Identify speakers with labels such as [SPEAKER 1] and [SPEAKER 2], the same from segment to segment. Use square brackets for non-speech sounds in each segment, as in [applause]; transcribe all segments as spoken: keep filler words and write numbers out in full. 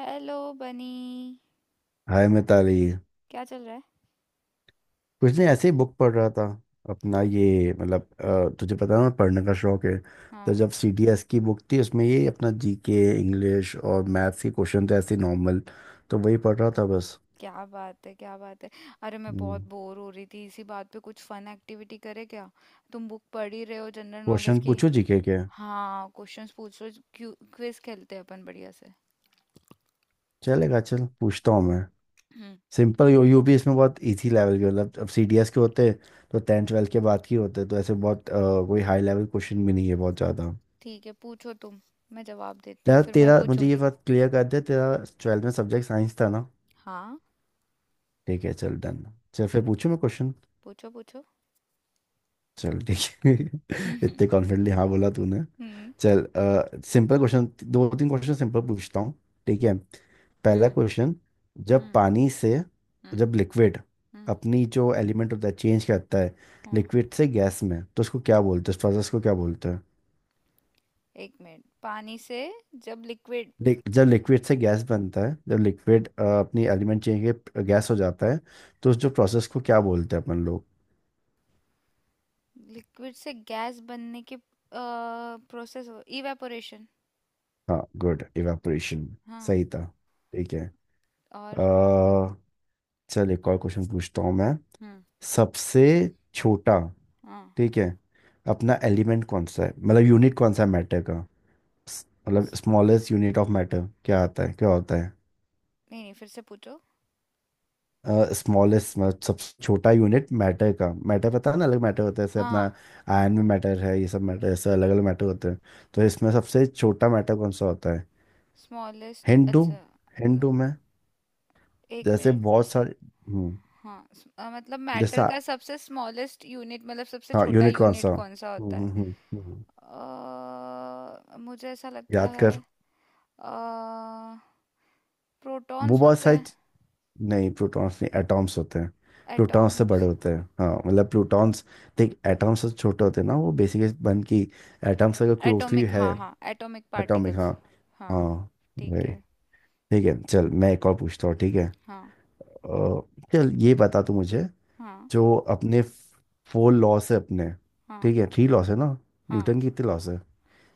[SPEAKER 1] Hello Bunny.
[SPEAKER 2] Hi Mitali.
[SPEAKER 1] क्या चल रहा है?
[SPEAKER 2] कुछ नहीं, ऐसे ही बुक पढ़ रहा था। अपना ये मतलब अ, तुझे पता है ना, पढ़ने का शौक है। तो
[SPEAKER 1] हाँ।
[SPEAKER 2] जब सी डी एस की बुक थी उसमें ये अपना जी के, इंग्लिश और मैथ्स के क्वेश्चन थे, ऐसे नॉर्मल। तो वही पढ़ रहा था बस।
[SPEAKER 1] क्या बात है, क्या बात है। अरे, मैं
[SPEAKER 2] हम्म।
[SPEAKER 1] बहुत बोर हो रही थी। इसी बात पे कुछ फन एक्टिविटी करे क्या? तुम बुक पढ़ ही रहे हो जनरल नॉलेज
[SPEAKER 2] क्वेश्चन
[SPEAKER 1] की।
[SPEAKER 2] पूछो जीके के के?
[SPEAKER 1] हाँ, क्वेश्चंस पूछो। क्विज खेलते हैं अपन बढ़िया से।
[SPEAKER 2] चलेगा, चल पूछता हूँ मैं।
[SPEAKER 1] हम्म।
[SPEAKER 2] सिंपल, यू यू भी इसमें बहुत इजी लेवल के, मतलब अब सी डी एस के होते तो टेंथ ट्वेल्थ के बाद के होते, तो ऐसे बहुत अ, कोई हाई लेवल क्वेश्चन भी नहीं है बहुत ज़्यादा।
[SPEAKER 1] ठीक है, पूछो तुम। मैं जवाब देती हूँ,
[SPEAKER 2] तेरा
[SPEAKER 1] फिर मैं
[SPEAKER 2] तेरा मुझे ये
[SPEAKER 1] पूछूंगी।
[SPEAKER 2] बात क्लियर कर दे, तेरा ट्वेल्थ में सब्जेक्ट साइंस था ना?
[SPEAKER 1] हाँ।
[SPEAKER 2] ठीक है, चल डन। चल फिर
[SPEAKER 1] ठीक।
[SPEAKER 2] पूछूं मैं क्वेश्चन।
[SPEAKER 1] पूछो, पूछो।
[SPEAKER 2] चल ठीक है [laughs]
[SPEAKER 1] हम्म,
[SPEAKER 2] इतने कॉन्फिडेंटली हाँ बोला तूने।
[SPEAKER 1] हम्म,
[SPEAKER 2] चल, सिंपल क्वेश्चन, दो तीन क्वेश्चन सिंपल पूछता हूँ, ठीक है? पहला
[SPEAKER 1] हम्म,
[SPEAKER 2] क्वेश्चन। जब
[SPEAKER 1] हम्म,
[SPEAKER 2] पानी से,
[SPEAKER 1] हम्म,
[SPEAKER 2] जब लिक्विड
[SPEAKER 1] हम्म,
[SPEAKER 2] अपनी जो एलिमेंट होता है चेंज करता है,
[SPEAKER 1] हाँ।
[SPEAKER 2] लिक्विड से गैस में, तो उसको क्या बोलते हैं, इस प्रोसेस को क्या बोलते हैं?
[SPEAKER 1] एक मिनट। पानी से। जब लिक्विड।
[SPEAKER 2] लिक- जब लिक्विड से गैस बनता है, जब लिक्विड अपनी एलिमेंट चेंज के गैस हो जाता है, तो उस जो प्रोसेस को क्या बोलते हैं अपन लोग?
[SPEAKER 1] लिक्विड से गैस बनने के प्रोसेस हो, इवेपोरेशन।
[SPEAKER 2] हाँ गुड, इवेपोरेशन।
[SPEAKER 1] हाँ।
[SPEAKER 2] सही था। ठीक है।
[SPEAKER 1] और।
[SPEAKER 2] अ, चल एक और क्वेश्चन पूछता हूँ मैं।
[SPEAKER 1] हम्म।
[SPEAKER 2] सबसे छोटा,
[SPEAKER 1] हाँ।
[SPEAKER 2] ठीक है, अपना एलिमेंट कौन सा है, मतलब यूनिट कौन सा है मैटर का? स- मतलब
[SPEAKER 1] स-
[SPEAKER 2] स्मॉलेस्ट यूनिट ऑफ मैटर क्या आता है, क्या होता है?
[SPEAKER 1] नहीं, नहीं, फिर से पूछो।
[SPEAKER 2] स्मॉलेस्ट मतलब सबसे छोटा यूनिट मैटर का। मैटर पता है ना, अलग मैटर होता है, जैसे अपना
[SPEAKER 1] हाँ,
[SPEAKER 2] आयन में मैटर है, ये सब मैटर, ऐसे अलग अलग मैटर होते हैं। तो इसमें सबसे छोटा मैटर कौन सा होता है?
[SPEAKER 1] स्मॉलेस्ट?
[SPEAKER 2] हिंट दूँ
[SPEAKER 1] अच्छा। न-
[SPEAKER 2] हिंट दूँ मैं।
[SPEAKER 1] एक
[SPEAKER 2] जैसे
[SPEAKER 1] मिनट।
[SPEAKER 2] बहुत सारे, हम्म,
[SPEAKER 1] हाँ। स- अ, मतलब मैटर
[SPEAKER 2] जैसा,
[SPEAKER 1] का सबसे स्मॉलेस्ट यूनिट, मतलब सबसे
[SPEAKER 2] हाँ
[SPEAKER 1] छोटा
[SPEAKER 2] यूनिकॉर्न
[SPEAKER 1] यूनिट
[SPEAKER 2] सा।
[SPEAKER 1] कौन सा होता
[SPEAKER 2] हम्म
[SPEAKER 1] है?
[SPEAKER 2] हम्म, हम्म, हम्म।
[SPEAKER 1] अ, मुझे ऐसा लगता
[SPEAKER 2] याद
[SPEAKER 1] है
[SPEAKER 2] कर, वो
[SPEAKER 1] प्रोटॉन्स
[SPEAKER 2] बहुत
[SPEAKER 1] होते
[SPEAKER 2] सारी
[SPEAKER 1] हैं।
[SPEAKER 2] च- नहीं प्रोटॉन्स नहीं, एटॉम्स होते हैं। प्रोटॉन्स से बड़े
[SPEAKER 1] एटॉम्स।
[SPEAKER 2] होते हैं, हाँ मतलब प्रोटॉन्स, देख एटॉम्स से छोटे होते हैं ना वो, बेसिकली बन की एटॉम्स अगर क्लोजली
[SPEAKER 1] एटॉमिक,
[SPEAKER 2] है,
[SPEAKER 1] हाँ हाँ, एटॉमिक
[SPEAKER 2] एटॉमिक, हाँ
[SPEAKER 1] पार्टिकल्स। हाँ।
[SPEAKER 2] हाँ
[SPEAKER 1] ठीक
[SPEAKER 2] वही।
[SPEAKER 1] है।
[SPEAKER 2] ठीक है, चल मैं एक और पूछता हूँ, ठीक है?
[SPEAKER 1] हाँ।
[SPEAKER 2] अ, चल ये बता तू मुझे,
[SPEAKER 1] हाँ,
[SPEAKER 2] जो अपने फोर लॉस है अपने,
[SPEAKER 1] हाँ,
[SPEAKER 2] ठीक है थ्री लॉस है ना,
[SPEAKER 1] हाँ।
[SPEAKER 2] न्यूटन की कितने लॉस है,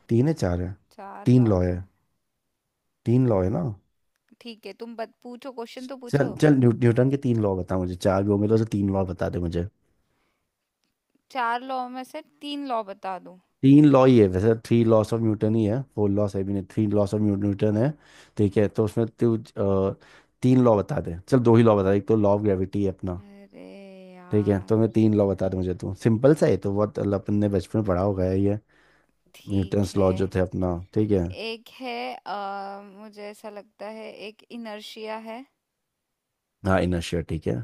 [SPEAKER 2] तीन है चार है?
[SPEAKER 1] चार
[SPEAKER 2] तीन लॉ
[SPEAKER 1] लॉज
[SPEAKER 2] है।
[SPEAKER 1] है।
[SPEAKER 2] तीन लॉ है ना?
[SPEAKER 1] ठीक है, तुम बत पूछो, क्वेश्चन तो
[SPEAKER 2] चल
[SPEAKER 1] पूछो।
[SPEAKER 2] चल, न्यू, न्यूटन के तीन लॉ बता मुझे, चार भी होंगे तो उसे तीन लॉ बता दे मुझे।
[SPEAKER 1] चार लॉ में से तीन लॉ बता दूं?
[SPEAKER 2] तीन लॉ ही है वैसे, थ्री लॉस ऑफ न्यूटन ही है, फोर लॉस है भी नहीं, थ्री लॉस ऑफ न्यूटन है। ठीक है, तो उसमें तू अ, तीन लॉ बता दे, चल दो ही लॉ बता दे। एक तो लॉ ऑफ ग्रेविटी है अपना।
[SPEAKER 1] अरे
[SPEAKER 2] ठीक है, तो
[SPEAKER 1] यार!
[SPEAKER 2] मैं तीन लॉ बता दे मुझे तू, सिंपल सा है, तो बहुत अपन ने बचपन में पढ़ा होगा है ये,
[SPEAKER 1] ठीक
[SPEAKER 2] न्यूटन्स
[SPEAKER 1] है।
[SPEAKER 2] लॉ जो थे अपना, ठीक है।
[SPEAKER 1] एक है, अ, मुझे ऐसा लगता है, एक इनर्शिया है।
[SPEAKER 2] हाँ इनर्शिया, ठीक है।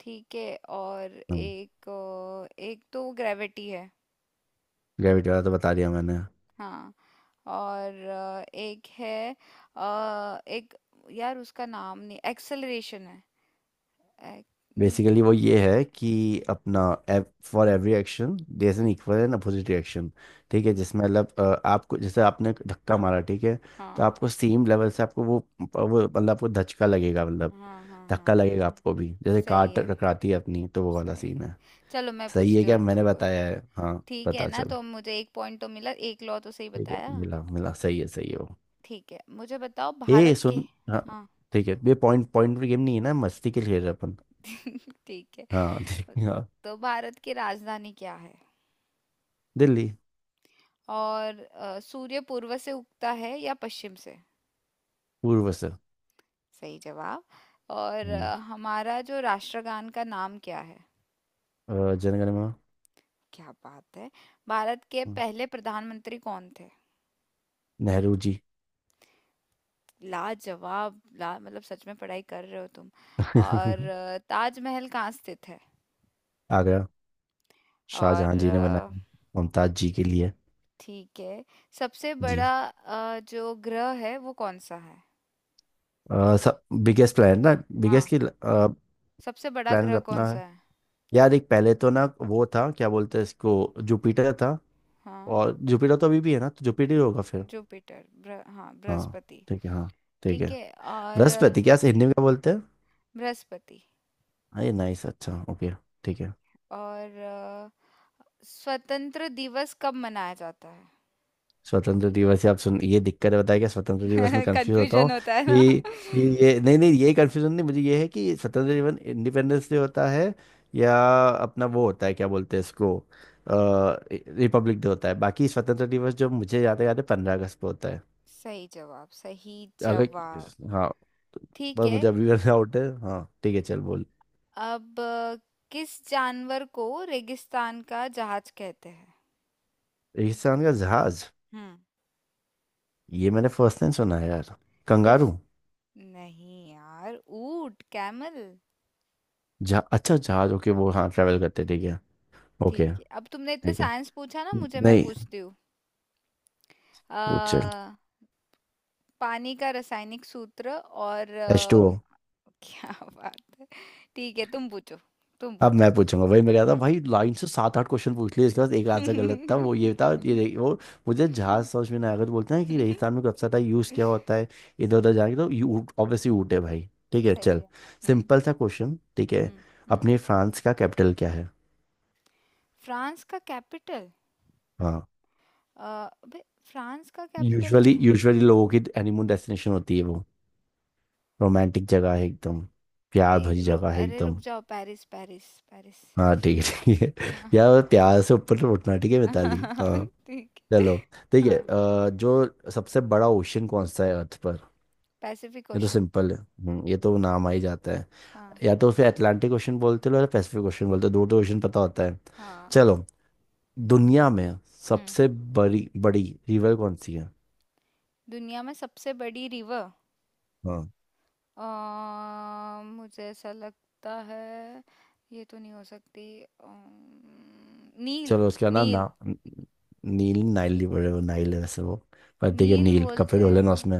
[SPEAKER 1] ठीक है। और। एक अ, एक तो ग्रेविटी है।
[SPEAKER 2] ग्रेविटी वाला तो बता दिया मैंने।
[SPEAKER 1] हाँ। और, अ, एक है। अ, एक। यार, उसका नाम नहीं, एक्सेलरेशन है। एक। नहीं।
[SPEAKER 2] बेसिकली वो ये है कि अपना, for every action there is an
[SPEAKER 1] hmm,
[SPEAKER 2] equal and opposite reaction. ठीक है, जिसमें मतलब अ, आपको जैसे आपने धक्का मारा, ठीक है, तो
[SPEAKER 1] हाँ,
[SPEAKER 2] आपको सेम लेवल से आपको वो वो मतलब आपको धचका लगेगा, मतलब
[SPEAKER 1] हाँ, हाँ, हाँ।
[SPEAKER 2] धक्का लगेगा आपको भी, जैसे कार
[SPEAKER 1] सही है,
[SPEAKER 2] टकराती है अपनी तो वो वाला
[SPEAKER 1] सही
[SPEAKER 2] सीन
[SPEAKER 1] है।
[SPEAKER 2] है।
[SPEAKER 1] चलो, मैं
[SPEAKER 2] सही है
[SPEAKER 1] पूछती हूँ
[SPEAKER 2] क्या
[SPEAKER 1] अब
[SPEAKER 2] मैंने
[SPEAKER 1] तुमको।
[SPEAKER 2] बताया है, हाँ?
[SPEAKER 1] ठीक है
[SPEAKER 2] पता
[SPEAKER 1] ना,
[SPEAKER 2] चल।
[SPEAKER 1] तो मुझे एक पॉइंट तो मिला, एक लॉ तो सही
[SPEAKER 2] ठीक है,
[SPEAKER 1] बताया।
[SPEAKER 2] मिला मिला, सही है सही है वो।
[SPEAKER 1] ठीक है, मुझे बताओ
[SPEAKER 2] ए
[SPEAKER 1] भारत के।
[SPEAKER 2] सुन, हाँ,
[SPEAKER 1] हाँ।
[SPEAKER 2] ठीक है, ये पॉइंट पॉइंट पर गेम नहीं है ना, मस्ती के लिए खेल रहे अपन।
[SPEAKER 1] [laughs] ठीक है।
[SPEAKER 2] हाँ [laughs] ठीक है हाँ।
[SPEAKER 1] तो भारत की राजधानी क्या है?
[SPEAKER 2] दिल्ली।
[SPEAKER 1] और अ, सूर्य पूर्व से उगता है या पश्चिम से?
[SPEAKER 2] पूर्व से।
[SPEAKER 1] सही जवाब। और
[SPEAKER 2] हम्म।
[SPEAKER 1] अ, हमारा जो राष्ट्रगान का नाम क्या है?
[SPEAKER 2] अ, जनगणना।
[SPEAKER 1] क्या बात है। भारत के पहले प्रधानमंत्री कौन थे?
[SPEAKER 2] नेहरू जी।
[SPEAKER 1] लाजवाब, ला मतलब सच में पढ़ाई कर रहे हो तुम। और
[SPEAKER 2] [laughs]
[SPEAKER 1] अ, ताजमहल कहाँ स्थित है?
[SPEAKER 2] आगरा।
[SPEAKER 1] और
[SPEAKER 2] शाहजहां जी ने बनाया,
[SPEAKER 1] अ,
[SPEAKER 2] मुमताज जी के लिए।
[SPEAKER 1] ठीक है। सबसे
[SPEAKER 2] जी।
[SPEAKER 1] बड़ा, अ, जो ग्रह है वो कौन सा है?
[SPEAKER 2] अ, सब, बिगेस्ट प्लान ना, बिगेस्ट
[SPEAKER 1] हाँ।
[SPEAKER 2] की,
[SPEAKER 1] सबसे बड़ा
[SPEAKER 2] प्लान
[SPEAKER 1] ग्रह कौन
[SPEAKER 2] अपना
[SPEAKER 1] सा
[SPEAKER 2] है।
[SPEAKER 1] है?
[SPEAKER 2] यार, एक पहले तो ना वो था, क्या बोलते हैं इसको, जुपिटर था।
[SPEAKER 1] हाँ।
[SPEAKER 2] और जुपिटर तो अभी भी है ना, तो जुपिटर ही होगा फिर।
[SPEAKER 1] जुपिटर, ब्र, हाँ,
[SPEAKER 2] हाँ
[SPEAKER 1] बृहस्पति।
[SPEAKER 2] ठीक है हाँ। ठीक है।
[SPEAKER 1] ठीक है। और अ,
[SPEAKER 2] बृहस्पति क्या हिंदी में क्या बोलते हैं।
[SPEAKER 1] बृहस्पति।
[SPEAKER 2] अरे नाइस, अच्छा ओके, ठीक है।
[SPEAKER 1] और अ, स्वतंत्र दिवस कब मनाया जाता
[SPEAKER 2] स्वतंत्र दिवस या आप सुन, ये दिक्कत है, बताया क्या, स्वतंत्र दिवस में
[SPEAKER 1] है? [laughs]
[SPEAKER 2] कंफ्यूज होता
[SPEAKER 1] कंफ्यूजन
[SPEAKER 2] हूँ
[SPEAKER 1] होता है
[SPEAKER 2] कि,
[SPEAKER 1] ना? [laughs]
[SPEAKER 2] ये ये नहीं नहीं, ये कंफ्यूजन नहीं, मुझे ये है कि स्वतंत्र दिवस इंडिपेंडेंस डे होता है, या अपना वो होता है, क्या बोलते हैं इसको, रिपब्लिक डे होता है। बाकी स्वतंत्र दिवस जो मुझे याद है याद है, पंद्रह अगस्त को होता है।
[SPEAKER 1] सही जवाब, सही
[SPEAKER 2] अगर,
[SPEAKER 1] जवाब।
[SPEAKER 2] हाँ।
[SPEAKER 1] ठीक
[SPEAKER 2] पर
[SPEAKER 1] है।
[SPEAKER 2] मुझे अभी भी डाउट है, हाँ, ठीक है चल बोल।
[SPEAKER 1] अब अ, किस जानवर को रेगिस्तान का जहाज कहते हैं?
[SPEAKER 2] रेगिस्तान का जहाज,
[SPEAKER 1] हम्म।
[SPEAKER 2] ये मैंने फर्स्ट टाइम सुना है यार।
[SPEAKER 1] किस?
[SPEAKER 2] कंगारू।
[SPEAKER 1] नहीं यार, ऊंट, कैमल।
[SPEAKER 2] जहा अच्छा, जहाज ओके, वो हाँ ट्रेवल करते, ठीक है, ओके।
[SPEAKER 1] ठीक है, अब तुमने इतने
[SPEAKER 2] ठीक है,
[SPEAKER 1] साइंस पूछा ना मुझे, मैं
[SPEAKER 2] नहीं
[SPEAKER 1] पूछती हूँ। अ,
[SPEAKER 2] पूछ।
[SPEAKER 1] पानी का रासायनिक सूत्र। और
[SPEAKER 2] एच टू
[SPEAKER 1] अ,
[SPEAKER 2] ओ।
[SPEAKER 1] [laughs] क्या बात है। ठीक है, तुम पूछो। तुम
[SPEAKER 2] अब
[SPEAKER 1] पूछो।
[SPEAKER 2] मैं पूछूंगा, वही मैं कह रहा था
[SPEAKER 1] हम्म।
[SPEAKER 2] भाई, लाइन से सात आठ क्वेश्चन पूछ लिए, इसके बाद एक आंसर गलत था, वो ये था, ये
[SPEAKER 1] [laughs]
[SPEAKER 2] रही- वो मुझे जहाज समझ में नहीं आया, तो बोलते हैं कि रेगिस्तान में कब टाइप यूज़ किया होता है, इधर उधर जाके, तो यू ऑब्वियसली ऊँट है भाई, ठीक है
[SPEAKER 1] सही
[SPEAKER 2] चल।
[SPEAKER 1] है। हम्म,
[SPEAKER 2] सिंपल सा क्वेश्चन, ठीक है,
[SPEAKER 1] हम्म, हम्म।
[SPEAKER 2] अपने फ्रांस का कैपिटल क्या है?
[SPEAKER 1] फ्रांस का कैपिटल?
[SPEAKER 2] हाँ,
[SPEAKER 1] अ, अबे। फ्रांस का कैपिटल
[SPEAKER 2] यूजुअली
[SPEAKER 1] का?
[SPEAKER 2] यूजुअली लोगों की हनीमून डेस्टिनेशन होती है वो, रोमांटिक जगह है एकदम, प्यार
[SPEAKER 1] ए,
[SPEAKER 2] भरी
[SPEAKER 1] रु,
[SPEAKER 2] जगह है
[SPEAKER 1] अरे, रुक
[SPEAKER 2] एकदम।
[SPEAKER 1] जाओ! Paris, Paris. पेरिस।
[SPEAKER 2] हाँ ठीक है ठीक है
[SPEAKER 1] हाँ,
[SPEAKER 2] [laughs]
[SPEAKER 1] हाँ।
[SPEAKER 2] यार प्यार से ऊपर तो उठना, ठीक है मिताली हाँ।
[SPEAKER 1] [laughs] ठीक है।
[SPEAKER 2] चलो ठीक है,
[SPEAKER 1] हाँ।
[SPEAKER 2] अ, जो सबसे बड़ा ओशन कौन सा है अर्थ पर?
[SPEAKER 1] पैसिफिक
[SPEAKER 2] ये तो
[SPEAKER 1] ओशन।
[SPEAKER 2] सिंपल है, हम्म, ये तो नाम आ ही जाता है,
[SPEAKER 1] हाँ।
[SPEAKER 2] या तो उसे अटलांटिक ओशन बोलते हो या पैसिफिक ओशन बोलते हो, दो तो ओशन पता होता है।
[SPEAKER 1] हाँ।
[SPEAKER 2] चलो, दुनिया में
[SPEAKER 1] हम्म।
[SPEAKER 2] सबसे बड़ी बड़ी रिवर कौन सी है?
[SPEAKER 1] दुनिया में सबसे बड़ी रिवर?
[SPEAKER 2] हाँ।
[SPEAKER 1] आ, मुझे ऐसा लगता है, ये तो नहीं हो सकती। अम्म, नील।
[SPEAKER 2] चलो उसका नाम ना,
[SPEAKER 1] नील।
[SPEAKER 2] न- नील, नाइल रिवर है वो, नाइल है वैसे वो। पर ठीक है,
[SPEAKER 1] नील
[SPEAKER 2] नील कपड़े
[SPEAKER 1] बोलते
[SPEAKER 2] धो
[SPEAKER 1] हैं
[SPEAKER 2] लेना
[SPEAKER 1] ना?
[SPEAKER 2] उसमें,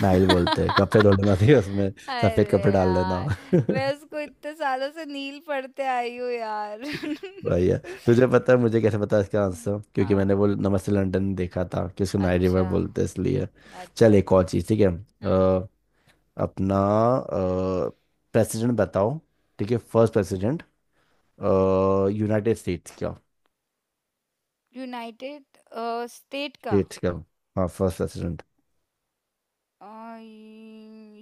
[SPEAKER 2] नाइल बोलते हैं, कपड़े धो लेना [laughs] ठीक है उसमें, सफेद कपड़े
[SPEAKER 1] अरे
[SPEAKER 2] डाल लेना
[SPEAKER 1] यार!
[SPEAKER 2] [laughs]
[SPEAKER 1] मैं उसको इतने सालों से नील पढ़ते आई हूँ यार। [laughs]
[SPEAKER 2] भैया, तुझे पता है मुझे कैसे पता है इसका
[SPEAKER 1] हुँ।
[SPEAKER 2] आंसर, क्योंकि
[SPEAKER 1] हाँ,
[SPEAKER 2] मैंने वो नमस्ते लंदन देखा था कि उसको नाइट रिवर
[SPEAKER 1] अच्छा,
[SPEAKER 2] बोलते हैं, इसलिए। चल
[SPEAKER 1] अच्छा।
[SPEAKER 2] एक और चीज़ ठीक है,
[SPEAKER 1] हुँ।
[SPEAKER 2] अ, अपना प्रेसिडेंट बताओ, ठीक है फर्स्ट प्रेसिडेंट, यूनाइटेड स्टेट्स का,
[SPEAKER 1] यूनाइटेड, अ, स्टेट का।
[SPEAKER 2] स्टेट्स का, हाँ फर्स्ट प्रेसिडेंट।
[SPEAKER 1] अ,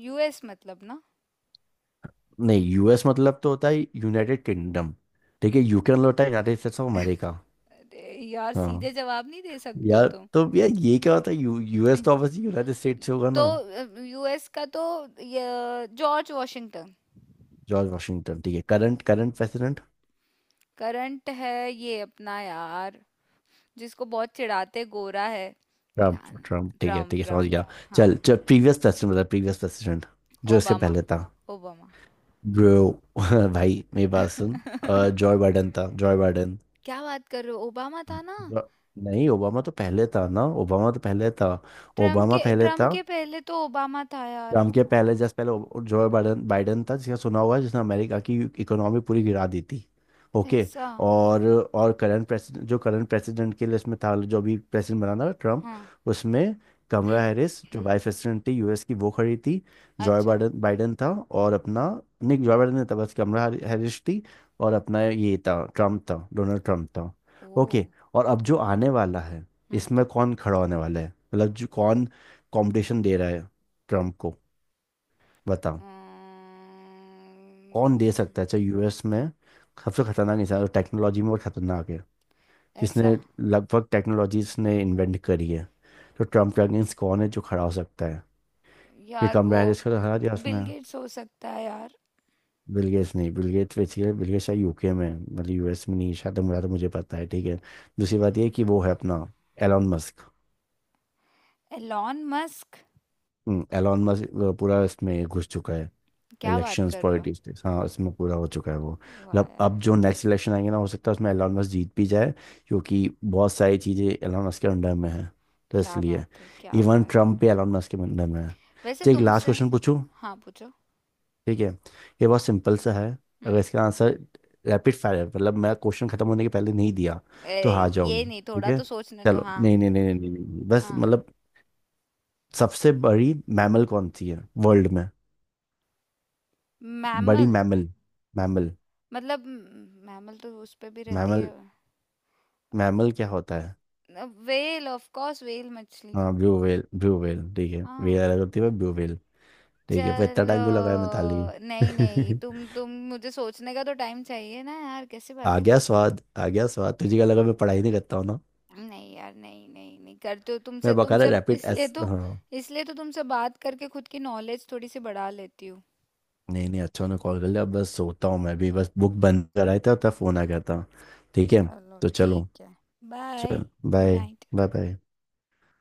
[SPEAKER 1] यूएस मतलब ना?
[SPEAKER 2] नहीं, यू एस मतलब तो होता है यूनाइटेड किंगडम, ठीक है, यू के मतलब होता है यूनाइटेड स्टेट्स ऑफ अमेरिका।
[SPEAKER 1] अरे यार!
[SPEAKER 2] हाँ
[SPEAKER 1] सीधे जवाब नहीं दे सकते हो
[SPEAKER 2] यार,
[SPEAKER 1] तुम।
[SPEAKER 2] तो यार ये क्या होता है, यू यूएस तो ऑब्वियसली यूनाइटेड स्टेट्स से होगा
[SPEAKER 1] तो
[SPEAKER 2] ना।
[SPEAKER 1] अ, यूएस का तो, य जॉर्ज वाशिंगटन।
[SPEAKER 2] जॉर्ज वाशिंगटन, ठीक है, करंट करंट प्रेसिडेंट,
[SPEAKER 1] करंट है ये अपना यार, जिसको बहुत चिढ़ाते, गोरा है। क्या
[SPEAKER 2] ट्रम्प ट्रम्प,
[SPEAKER 1] ना-
[SPEAKER 2] ठीक है
[SPEAKER 1] ट्रम्प,
[SPEAKER 2] ठीक है समझ गया।
[SPEAKER 1] ट्रम्प। हाँ।
[SPEAKER 2] चल, जो प्रीवियस प्रेसिडेंट, मतलब प्रीवियस प्रेसिडेंट जो इससे
[SPEAKER 1] ओबामा,
[SPEAKER 2] पहले था।
[SPEAKER 1] ओबामा।
[SPEAKER 2] ब्रो [laughs] भाई मेरी बात सुन,
[SPEAKER 1] [laughs]
[SPEAKER 2] जॉय बाइडन था, जॉय बाइडन।
[SPEAKER 1] क्या बात कर रहे हो? ओबामा था ना?
[SPEAKER 2] जो- नहीं, ओबामा तो पहले था ना, ओबामा तो पहले था।
[SPEAKER 1] ट्रम्प
[SPEAKER 2] ओबामा
[SPEAKER 1] के
[SPEAKER 2] पहले था,
[SPEAKER 1] ट्रम्प के पहले तो ओबामा था यार।
[SPEAKER 2] ट्रम्प के पहले, जस्ट पहले वो- जो है, बाइडन, बाइडन था, जिसका सुना हुआ है, जिसने अमेरिका की इकोनॉमी पूरी गिरा दी थी। ओके।
[SPEAKER 1] ऐसा।
[SPEAKER 2] और और करंट प्रेसिडेंट, जो करंट प्रेसिडेंट के लिस्ट में था, जो अभी प्रेसिडेंट बना था ट्रम्प,
[SPEAKER 1] हाँ।
[SPEAKER 2] उसमें कमला हैरिस जो
[SPEAKER 1] हम्म,
[SPEAKER 2] वाइस प्रेसिडेंट थी यू एस की वो खड़ी थी, जॉय
[SPEAKER 1] अच्छा।
[SPEAKER 2] बाइडन बाइडन था और अपना, नहीं जॉय बाइडन नहीं था, बस कमला हैरिस थी, और अपना ये था, ट्रम्प था, डोनाल्ड ट्रम्प था। ओके।
[SPEAKER 1] ओ।
[SPEAKER 2] और अब जो आने वाला है,
[SPEAKER 1] हम्म।
[SPEAKER 2] इसमें कौन खड़ा होने वाला है, मतलब जो कौन कॉम्पिटिशन दे रहा है ट्रम्प को, बताओ,
[SPEAKER 1] अम्म,
[SPEAKER 2] कौन दे सकता है चाहे, यू एस में सबसे खतरनाक इंसान और टेक्नोलॉजी में बहुत खतरनाक है,
[SPEAKER 1] ऐसा।
[SPEAKER 2] जिसने लगभग टेक्नोलॉजीज ने इन्वेंट करी है, तो ट्रम्प के अगेंस्ट कौन है जो खड़ा हो सकता है, ये
[SPEAKER 1] यार
[SPEAKER 2] कमला
[SPEAKER 1] वो,
[SPEAKER 2] हैरिस को तो हरा दिया उसने।
[SPEAKER 1] बिल गेट्स हो सकता है यार।
[SPEAKER 2] बिल गेट्स नहीं, Bill Gates basically, Bill Gates शायद यू के में है, मतलब यू एस में नहीं है, शायद मुझे, तो मुझे पता है ठीक है। दूसरी बात ये है कि वो है अपना Elon Musk.
[SPEAKER 1] Elon Musk.
[SPEAKER 2] Elon Musk पूरा इसमें घुस चुका है,
[SPEAKER 1] क्या बात
[SPEAKER 2] इलेक्शंस
[SPEAKER 1] कर रहे हो?
[SPEAKER 2] पॉलिटिक्स थे हाँ, इसमें पूरा हो चुका है वो,
[SPEAKER 1] वाह
[SPEAKER 2] मतलब
[SPEAKER 1] यार!
[SPEAKER 2] अब जो नेक्स्ट इलेक्शन आएंगे ना, हो सकता है उसमें एलन मस्क जीत भी जाए, क्योंकि बहुत सारी चीज़ें एलन मस्क के अंडर में है, तो
[SPEAKER 1] क्या
[SPEAKER 2] इसलिए
[SPEAKER 1] बात है, क्या
[SPEAKER 2] इवन
[SPEAKER 1] बात है।
[SPEAKER 2] ट्रम्प भी एलन मस्क के अंडर में है।
[SPEAKER 1] वैसे
[SPEAKER 2] ठीक, लास्ट
[SPEAKER 1] तुमसे।
[SPEAKER 2] क्वेश्चन पूछूं,
[SPEAKER 1] हाँ, पूछो।
[SPEAKER 2] ठीक है, ये बहुत सिंपल सा है। अगर
[SPEAKER 1] हम्म।
[SPEAKER 2] इसका आंसर रैपिड फायर है, मतलब मैं क्वेश्चन खत्म होने के पहले नहीं दिया तो
[SPEAKER 1] अरे,
[SPEAKER 2] हार
[SPEAKER 1] ये
[SPEAKER 2] जाओगी,
[SPEAKER 1] नहीं,
[SPEAKER 2] ठीक
[SPEAKER 1] थोड़ा
[SPEAKER 2] है।
[SPEAKER 1] तो सोचने दो,
[SPEAKER 2] चलो,
[SPEAKER 1] हाँ।
[SPEAKER 2] नहीं नहीं नहीं नहीं नहीं, नहीं, नहीं। बस
[SPEAKER 1] हाँ।
[SPEAKER 2] मतलब सबसे बड़ी मैमल कौन सी है वर्ल्ड में, बड़ी
[SPEAKER 1] मैमल?
[SPEAKER 2] मैमल, मैमल,
[SPEAKER 1] मतलब मैमल तो उस पे भी रहती है।
[SPEAKER 2] मैमल, मैमल क्या होता है?
[SPEAKER 1] वेल ऑफ कोर्स, वेल मछली।
[SPEAKER 2] हाँ ब्लू व्हेल, ब्लू व्हेल, ठीक है,
[SPEAKER 1] हाँ।
[SPEAKER 2] व्हेल अलग होती है ब्लू व्हेल। ठीक है, पर इतना
[SPEAKER 1] चलो।
[SPEAKER 2] टाइम क्यों लगाया मिताली?
[SPEAKER 1] नहीं, नहीं,
[SPEAKER 2] [laughs]
[SPEAKER 1] तुम तुम मुझे सोचने का तो टाइम चाहिए ना यार, कैसी
[SPEAKER 2] आ
[SPEAKER 1] बातें कर
[SPEAKER 2] गया
[SPEAKER 1] रहे हो?
[SPEAKER 2] स्वाद, आ गया स्वाद, तुझे क्या लगा मैं पढ़ाई नहीं करता हूँ ना,
[SPEAKER 1] नहीं यार, नहीं, नहीं, नहीं करते हो, तुमसे
[SPEAKER 2] मैं बकायदा
[SPEAKER 1] तुमसे
[SPEAKER 2] रैपिड
[SPEAKER 1] इसलिए
[SPEAKER 2] एस
[SPEAKER 1] तो,
[SPEAKER 2] हाँ।
[SPEAKER 1] इसलिए तो तुमसे बात करके खुद की नॉलेज थोड़ी सी बढ़ा लेती हूँ।
[SPEAKER 2] नहीं नहीं, अच्छा उन्होंने कॉल कर लिया, अब बस सोता हूँ मैं भी, बस बुक बंद कराया था तब फोन आ गया था, ठीक है,
[SPEAKER 1] चलो
[SPEAKER 2] तो चलो,
[SPEAKER 1] ठीक है। बाय।
[SPEAKER 2] चल
[SPEAKER 1] good
[SPEAKER 2] bye
[SPEAKER 1] night.
[SPEAKER 2] Bye bye.